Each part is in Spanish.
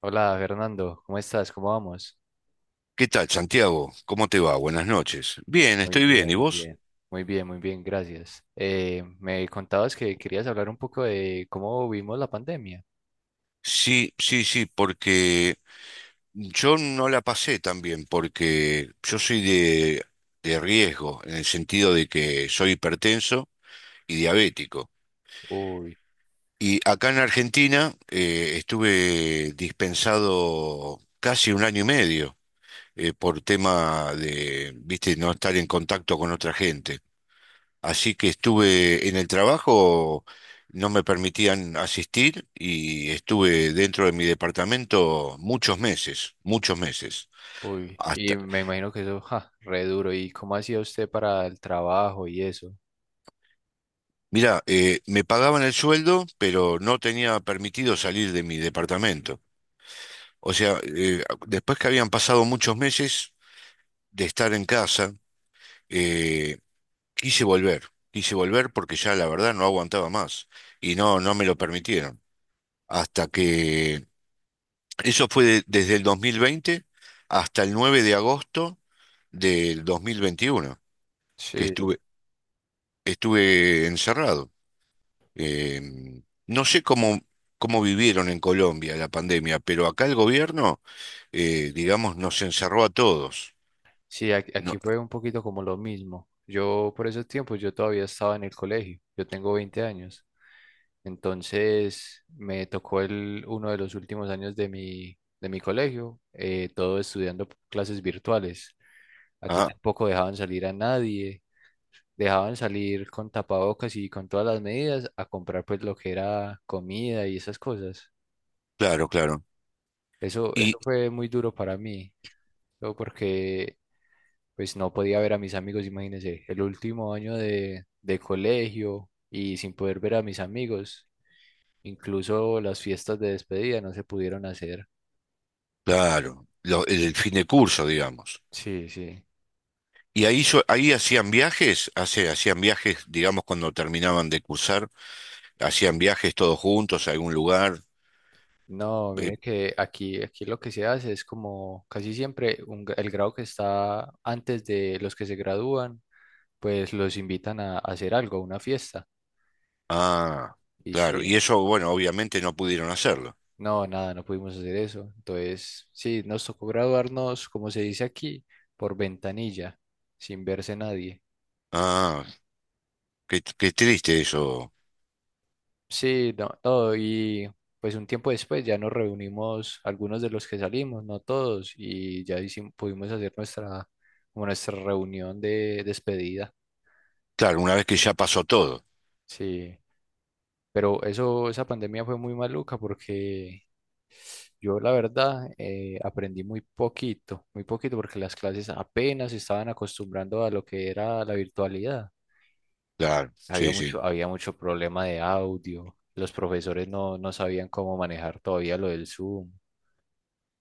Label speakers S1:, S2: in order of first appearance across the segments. S1: Hola Fernando, ¿cómo estás? ¿Cómo vamos?
S2: ¿Qué tal, Santiago? ¿Cómo te va? Buenas noches. Bien,
S1: Muy
S2: estoy bien.
S1: bien,
S2: ¿Y
S1: muy
S2: vos?
S1: bien. Muy bien, muy bien, gracias. Me contabas que querías hablar un poco de cómo vivimos la pandemia.
S2: Sí, sí, sí, porque yo no la pasé tan bien, porque yo soy de riesgo, en el sentido de que soy hipertenso y diabético.
S1: Uy,
S2: Y acá en Argentina estuve dispensado casi un año y medio, por tema de, viste, no estar en contacto con otra gente. Así que estuve en el trabajo, no me permitían asistir y estuve dentro de mi departamento muchos meses, muchos meses. Hasta,
S1: y me imagino que eso, ja, re duro. ¿Y cómo hacía usted para el trabajo y eso?
S2: mira, me pagaban el sueldo, pero no tenía permitido salir de mi departamento. O sea, después que habían pasado muchos meses de estar en casa, eh, quise volver, quise volver porque ya la verdad no aguantaba más y no, no me lo permitieron. Hasta que eso fue desde el 2020 hasta el 9 de agosto del 2021 que
S1: Sí,
S2: estuve, estuve encerrado. No sé cómo, cómo vivieron en Colombia la pandemia, pero acá el gobierno, digamos, nos encerró a todos.
S1: sí,
S2: No-
S1: aquí fue un poquito como lo mismo. Yo por esos tiempos, yo todavía estaba en el colegio, yo tengo 20 años. Entonces me tocó el, uno de los últimos años de mi colegio, todo estudiando clases virtuales. Aquí
S2: ah,
S1: tampoco dejaban salir a nadie, dejaban salir con tapabocas y con todas las medidas a comprar pues lo que era comida y esas cosas.
S2: claro, claro.
S1: Eso,
S2: Y
S1: eso fue muy duro para mí, todo porque pues no podía ver a mis amigos, imagínense, el último año de colegio y sin poder ver a mis amigos, incluso las fiestas de despedida no se pudieron hacer.
S2: claro, lo- el, fin de curso, digamos.
S1: Sí, sí.
S2: Y ahí, ahí hacían viajes, hacían viajes, digamos, cuando terminaban de cursar, hacían viajes todos juntos a algún lugar.
S1: No,
S2: eh,
S1: mire que aquí, aquí lo que se hace es como casi siempre un el grado que está antes de los que se gradúan, pues los invitan a hacer algo, a una fiesta.
S2: Ah,
S1: Y
S2: claro.
S1: sí,
S2: Y eso, bueno, obviamente no pudieron hacerlo.
S1: no, nada, no pudimos hacer eso. Entonces, sí, nos tocó graduarnos, como se dice aquí, por ventanilla, sin verse nadie.
S2: Ah, qué, qué triste eso.
S1: Sí, no, no, y pues un tiempo después ya nos reunimos algunos de los que salimos, no todos, y ya pudimos hacer nuestra, como nuestra reunión de despedida.
S2: Claro, una vez que ya pasó todo.
S1: Sí, pero eso, esa pandemia fue muy maluca porque yo la verdad aprendí muy poquito porque las clases apenas se estaban acostumbrando a lo que era la virtualidad.
S2: Claro, sí, sí.
S1: Había mucho problema de audio, los profesores no, no sabían cómo manejar todavía lo del Zoom.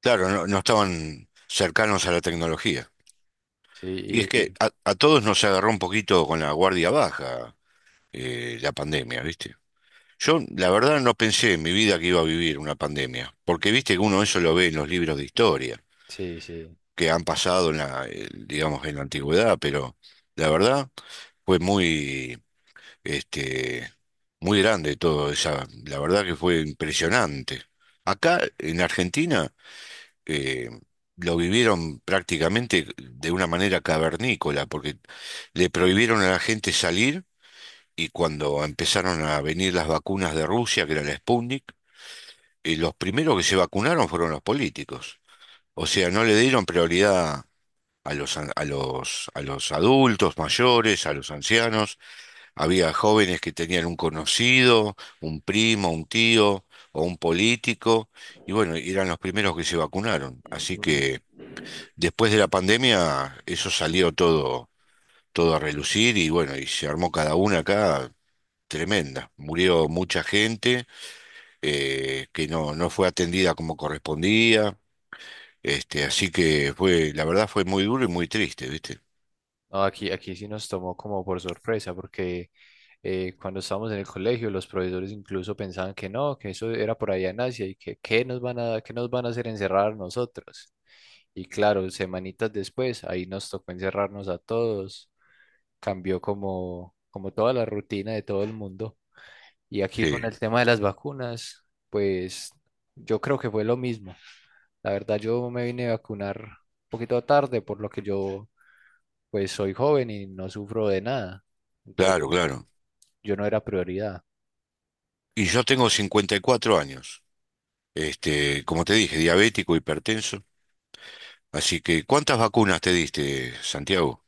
S2: Claro, no, no estaban cercanos a la tecnología. Y es
S1: Sí,
S2: que a todos nos agarró un poquito con la guardia baja, la pandemia, ¿viste? Yo, la verdad, no pensé en mi vida que iba a vivir una pandemia, porque viste que uno eso lo ve en los libros de historia,
S1: sí, sí.
S2: que han pasado en la, digamos, en la antigüedad, pero la verdad fue muy este, muy grande todo, esa, la verdad que fue impresionante. Acá en Argentina eh, lo vivieron prácticamente de una manera cavernícola, porque le prohibieron a la gente salir y cuando empezaron a venir las vacunas de Rusia, que era la Sputnik, los primeros que se vacunaron fueron los políticos. O sea, no le dieron prioridad a los, a los, a los adultos mayores, a los ancianos, había jóvenes que tenían un conocido, un primo, un tío o un político, y bueno, eran los primeros que se vacunaron. Así
S1: Mm.
S2: que después de la pandemia, eso salió todo, todo a relucir y bueno, y se armó cada una acá tremenda. Murió mucha gente que no, no fue atendida como correspondía. Este, así que fue, la verdad fue muy duro y muy triste, ¿viste?
S1: No, aquí, aquí sí nos tomó como por sorpresa, porque cuando estábamos en el colegio, los profesores incluso pensaban que no, que eso era por allá en Asia y que qué nos van a, qué nos van a hacer encerrar nosotros. Y claro, semanitas después, ahí nos tocó encerrarnos a todos, cambió como, como toda la rutina de todo el mundo. Y aquí
S2: Sí,
S1: con el tema de las vacunas, pues yo creo que fue lo mismo. La verdad, yo me vine a vacunar un poquito tarde, por lo que yo pues soy joven y no sufro de nada.
S2: claro,
S1: Entonces,
S2: claro.
S1: yo no era prioridad.
S2: Y yo tengo 54 años. Este, como te dije, diabético, hipertenso. Así que, ¿cuántas vacunas te diste, Santiago?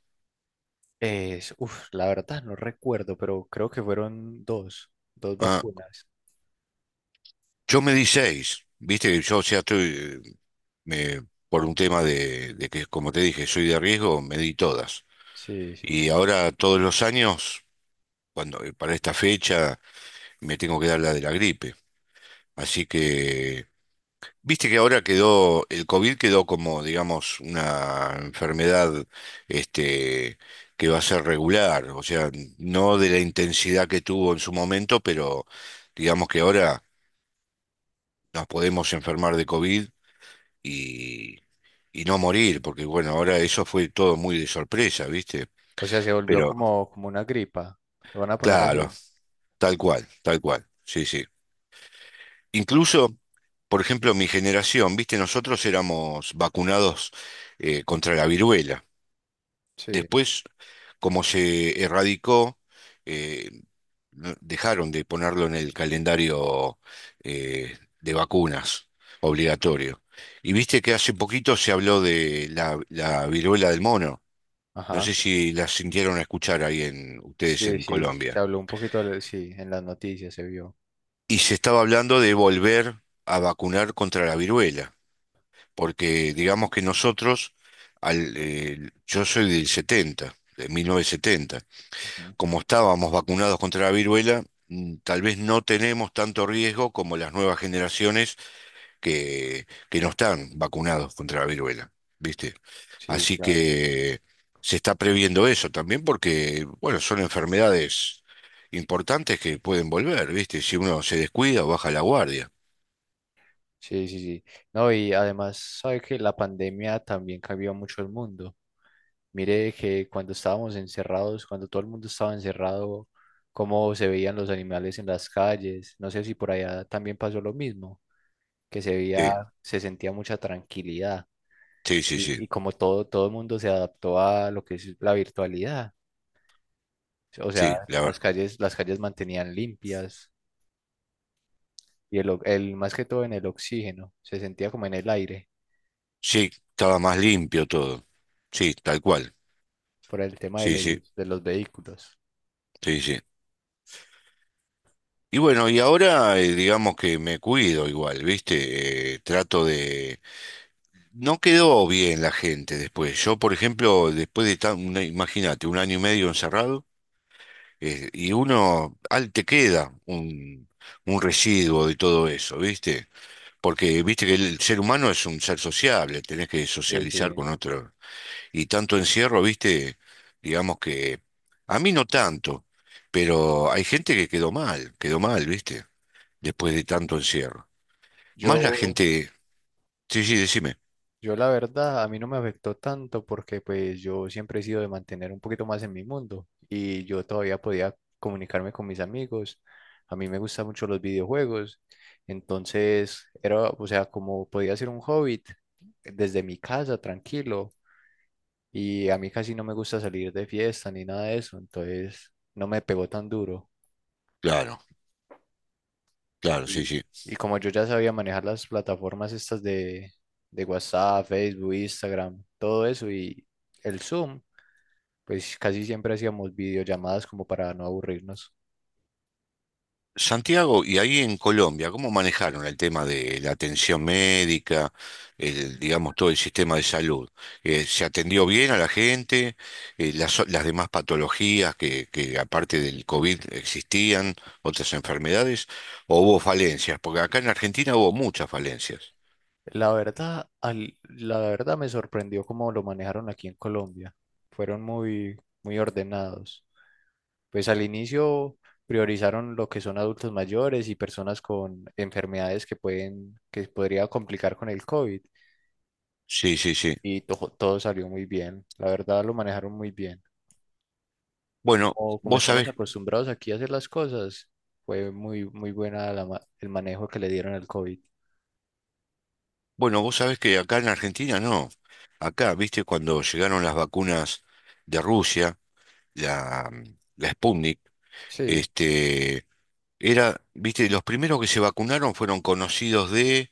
S1: Es, uf, la verdad no recuerdo, pero creo que fueron dos
S2: Ah,
S1: vacunas.
S2: yo me di seis, viste que yo, o sea, estoy, por un tema de que, como te dije, soy de riesgo, me di todas.
S1: Sí, sí.
S2: Y ahora todos los años, cuando, para esta fecha, me tengo que dar la de la gripe. Así que viste que ahora quedó, el COVID quedó como, digamos, una enfermedad este, que va a ser regular, o sea, no de la intensidad que tuvo en su momento, pero digamos que ahora nos podemos enfermar de COVID y, y no morir, porque bueno, ahora eso fue todo muy de sorpresa, ¿viste?
S1: O sea, se volvió
S2: Pero
S1: como, como una gripa. Lo van a poner
S2: claro,
S1: así.
S2: tal cual, sí, sí. Incluso, por ejemplo, mi generación, ¿viste? Nosotros éramos vacunados contra la viruela.
S1: Sí,
S2: Después, como se erradicó, eh, dejaron de ponerlo en el calendario de vacunas obligatorio. Y viste que hace poquito se habló de la, la viruela del mono. No
S1: ajá.
S2: sé si la sintieron a escuchar ahí en ustedes
S1: Sí,
S2: en
S1: sí, se
S2: Colombia.
S1: habló un poquito, de- sí, en las noticias se vio.
S2: Y se estaba hablando de volver a vacunar contra la viruela, porque digamos que nosotros, al, yo soy del 70, de 1970.
S1: Ujú.
S2: Como estábamos vacunados contra la viruela, tal vez no tenemos tanto riesgo como las nuevas generaciones que no están vacunados contra la viruela, ¿viste?
S1: Sí,
S2: Así
S1: claro.
S2: que se está previendo eso también porque, bueno, son enfermedades importantes que pueden volver, ¿viste? Si uno se descuida o baja la guardia.
S1: Sí, sí, sí. No, y además, sabe que la pandemia también cambió mucho el mundo. Mire que cuando estábamos encerrados, cuando todo el mundo estaba encerrado, cómo se veían los animales en las calles. No sé si por allá también pasó lo mismo, que se veía,
S2: Sí,
S1: se sentía mucha tranquilidad
S2: sí, sí, sí,
S1: y como todo, todo el mundo se adaptó a lo que es la virtualidad. O sea,
S2: sí,
S1: las calles mantenían limpias y el, el, más que todo en el oxígeno, se sentía como en el aire
S2: sí, estaba más limpio todo. Sí, tal cual.
S1: por el tema
S2: Sí, sí,
S1: de los vehículos.
S2: sí, sí. Y bueno, y ahora digamos que me cuido igual, ¿viste? Trato de... No quedó bien la gente después. Yo, por ejemplo, después de tan, imagínate, un año y medio encerrado, y uno, al te queda un residuo de todo eso, ¿viste? Porque, viste que el ser humano es un ser sociable, tenés que
S1: Sí,
S2: socializar
S1: sí.
S2: con otro. Y tanto encierro, ¿viste? Digamos que... A mí no tanto, pero hay gente que quedó mal, ¿viste? Después de tanto encierro. Más la
S1: Yo,
S2: gente. Sí, sí, decime.
S1: yo la verdad, a mí no me afectó tanto porque pues yo siempre he sido de mantener un poquito más en mi mundo y yo todavía podía comunicarme con mis amigos. A mí me gustan mucho los videojuegos, entonces era, o sea, como podía ser un hobbit desde mi casa, tranquilo, y a mí casi no me gusta salir de fiesta ni nada de eso, entonces no me pegó tan duro.
S2: Claro, claro,
S1: Y,
S2: sí, sí.
S1: y como yo ya sabía manejar las plataformas estas de WhatsApp, Facebook, Instagram, todo eso y el Zoom, pues casi siempre hacíamos videollamadas como para no aburrirnos.
S2: Santiago, y ahí en Colombia, ¿cómo manejaron el tema de la atención médica, el, digamos, todo el sistema de salud? ¿Se atendió bien a la gente? Las, las demás patologías que aparte del COVID existían, otras enfermedades, ¿o hubo falencias? Porque acá en Argentina hubo muchas falencias.
S1: La verdad, la verdad me sorprendió cómo lo manejaron aquí en Colombia. Fueron muy, muy ordenados. Pues al inicio priorizaron lo que son adultos mayores y personas con enfermedades que pueden, que podría complicar con el COVID.
S2: Sí, sí, sí.
S1: Y todo salió muy bien. La verdad lo manejaron muy bien.
S2: Bueno,
S1: Como, como
S2: vos
S1: estamos
S2: sabés.
S1: acostumbrados aquí a hacer las cosas, fue muy, muy buena la el manejo que le dieron al COVID.
S2: Bueno, vos sabés que acá en Argentina no. Acá, viste, cuando llegaron las vacunas de Rusia, la, la Sputnik,
S1: Sí.
S2: este, era, viste, los primeros que se vacunaron fueron conocidos de,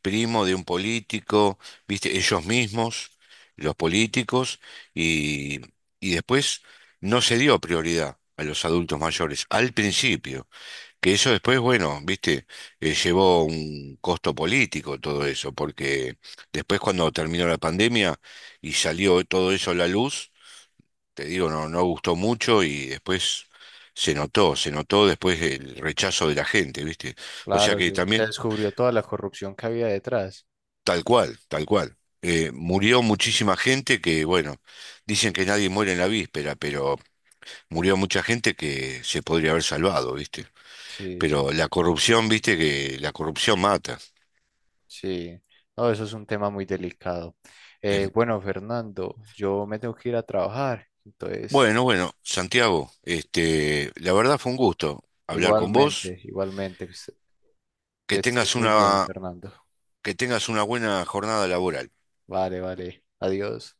S2: primo de un político, viste, ellos mismos, los políticos, y, y después no se dio prioridad a los adultos mayores, al principio. Que eso después, bueno, viste, llevó un costo político todo eso, porque después cuando terminó la pandemia y salió todo eso a la luz, te digo, no, no gustó mucho y después se notó después el rechazo de la gente, viste. O sea
S1: Claro,
S2: que
S1: se se
S2: también,
S1: descubrió toda la corrupción que había detrás.
S2: tal cual, tal cual. Murió muchísima gente que, bueno, dicen que nadie muere en la víspera, pero murió mucha gente que se podría haber salvado, viste.
S1: Sí,
S2: Pero
S1: sí,
S2: la corrupción, viste, que la corrupción mata.
S1: sí. No, eso es un tema muy delicado.
S2: Es
S1: Bueno, Fernando, yo me tengo que ir a trabajar. Entonces,
S2: Bueno, bueno, Santiago, este, la verdad fue un gusto hablar con vos.
S1: igualmente, igualmente, que
S2: Que
S1: que estés
S2: tengas
S1: muy
S2: una,
S1: bien, Fernando.
S2: que tengas una buena jornada laboral.
S1: Vale, vale. Adiós.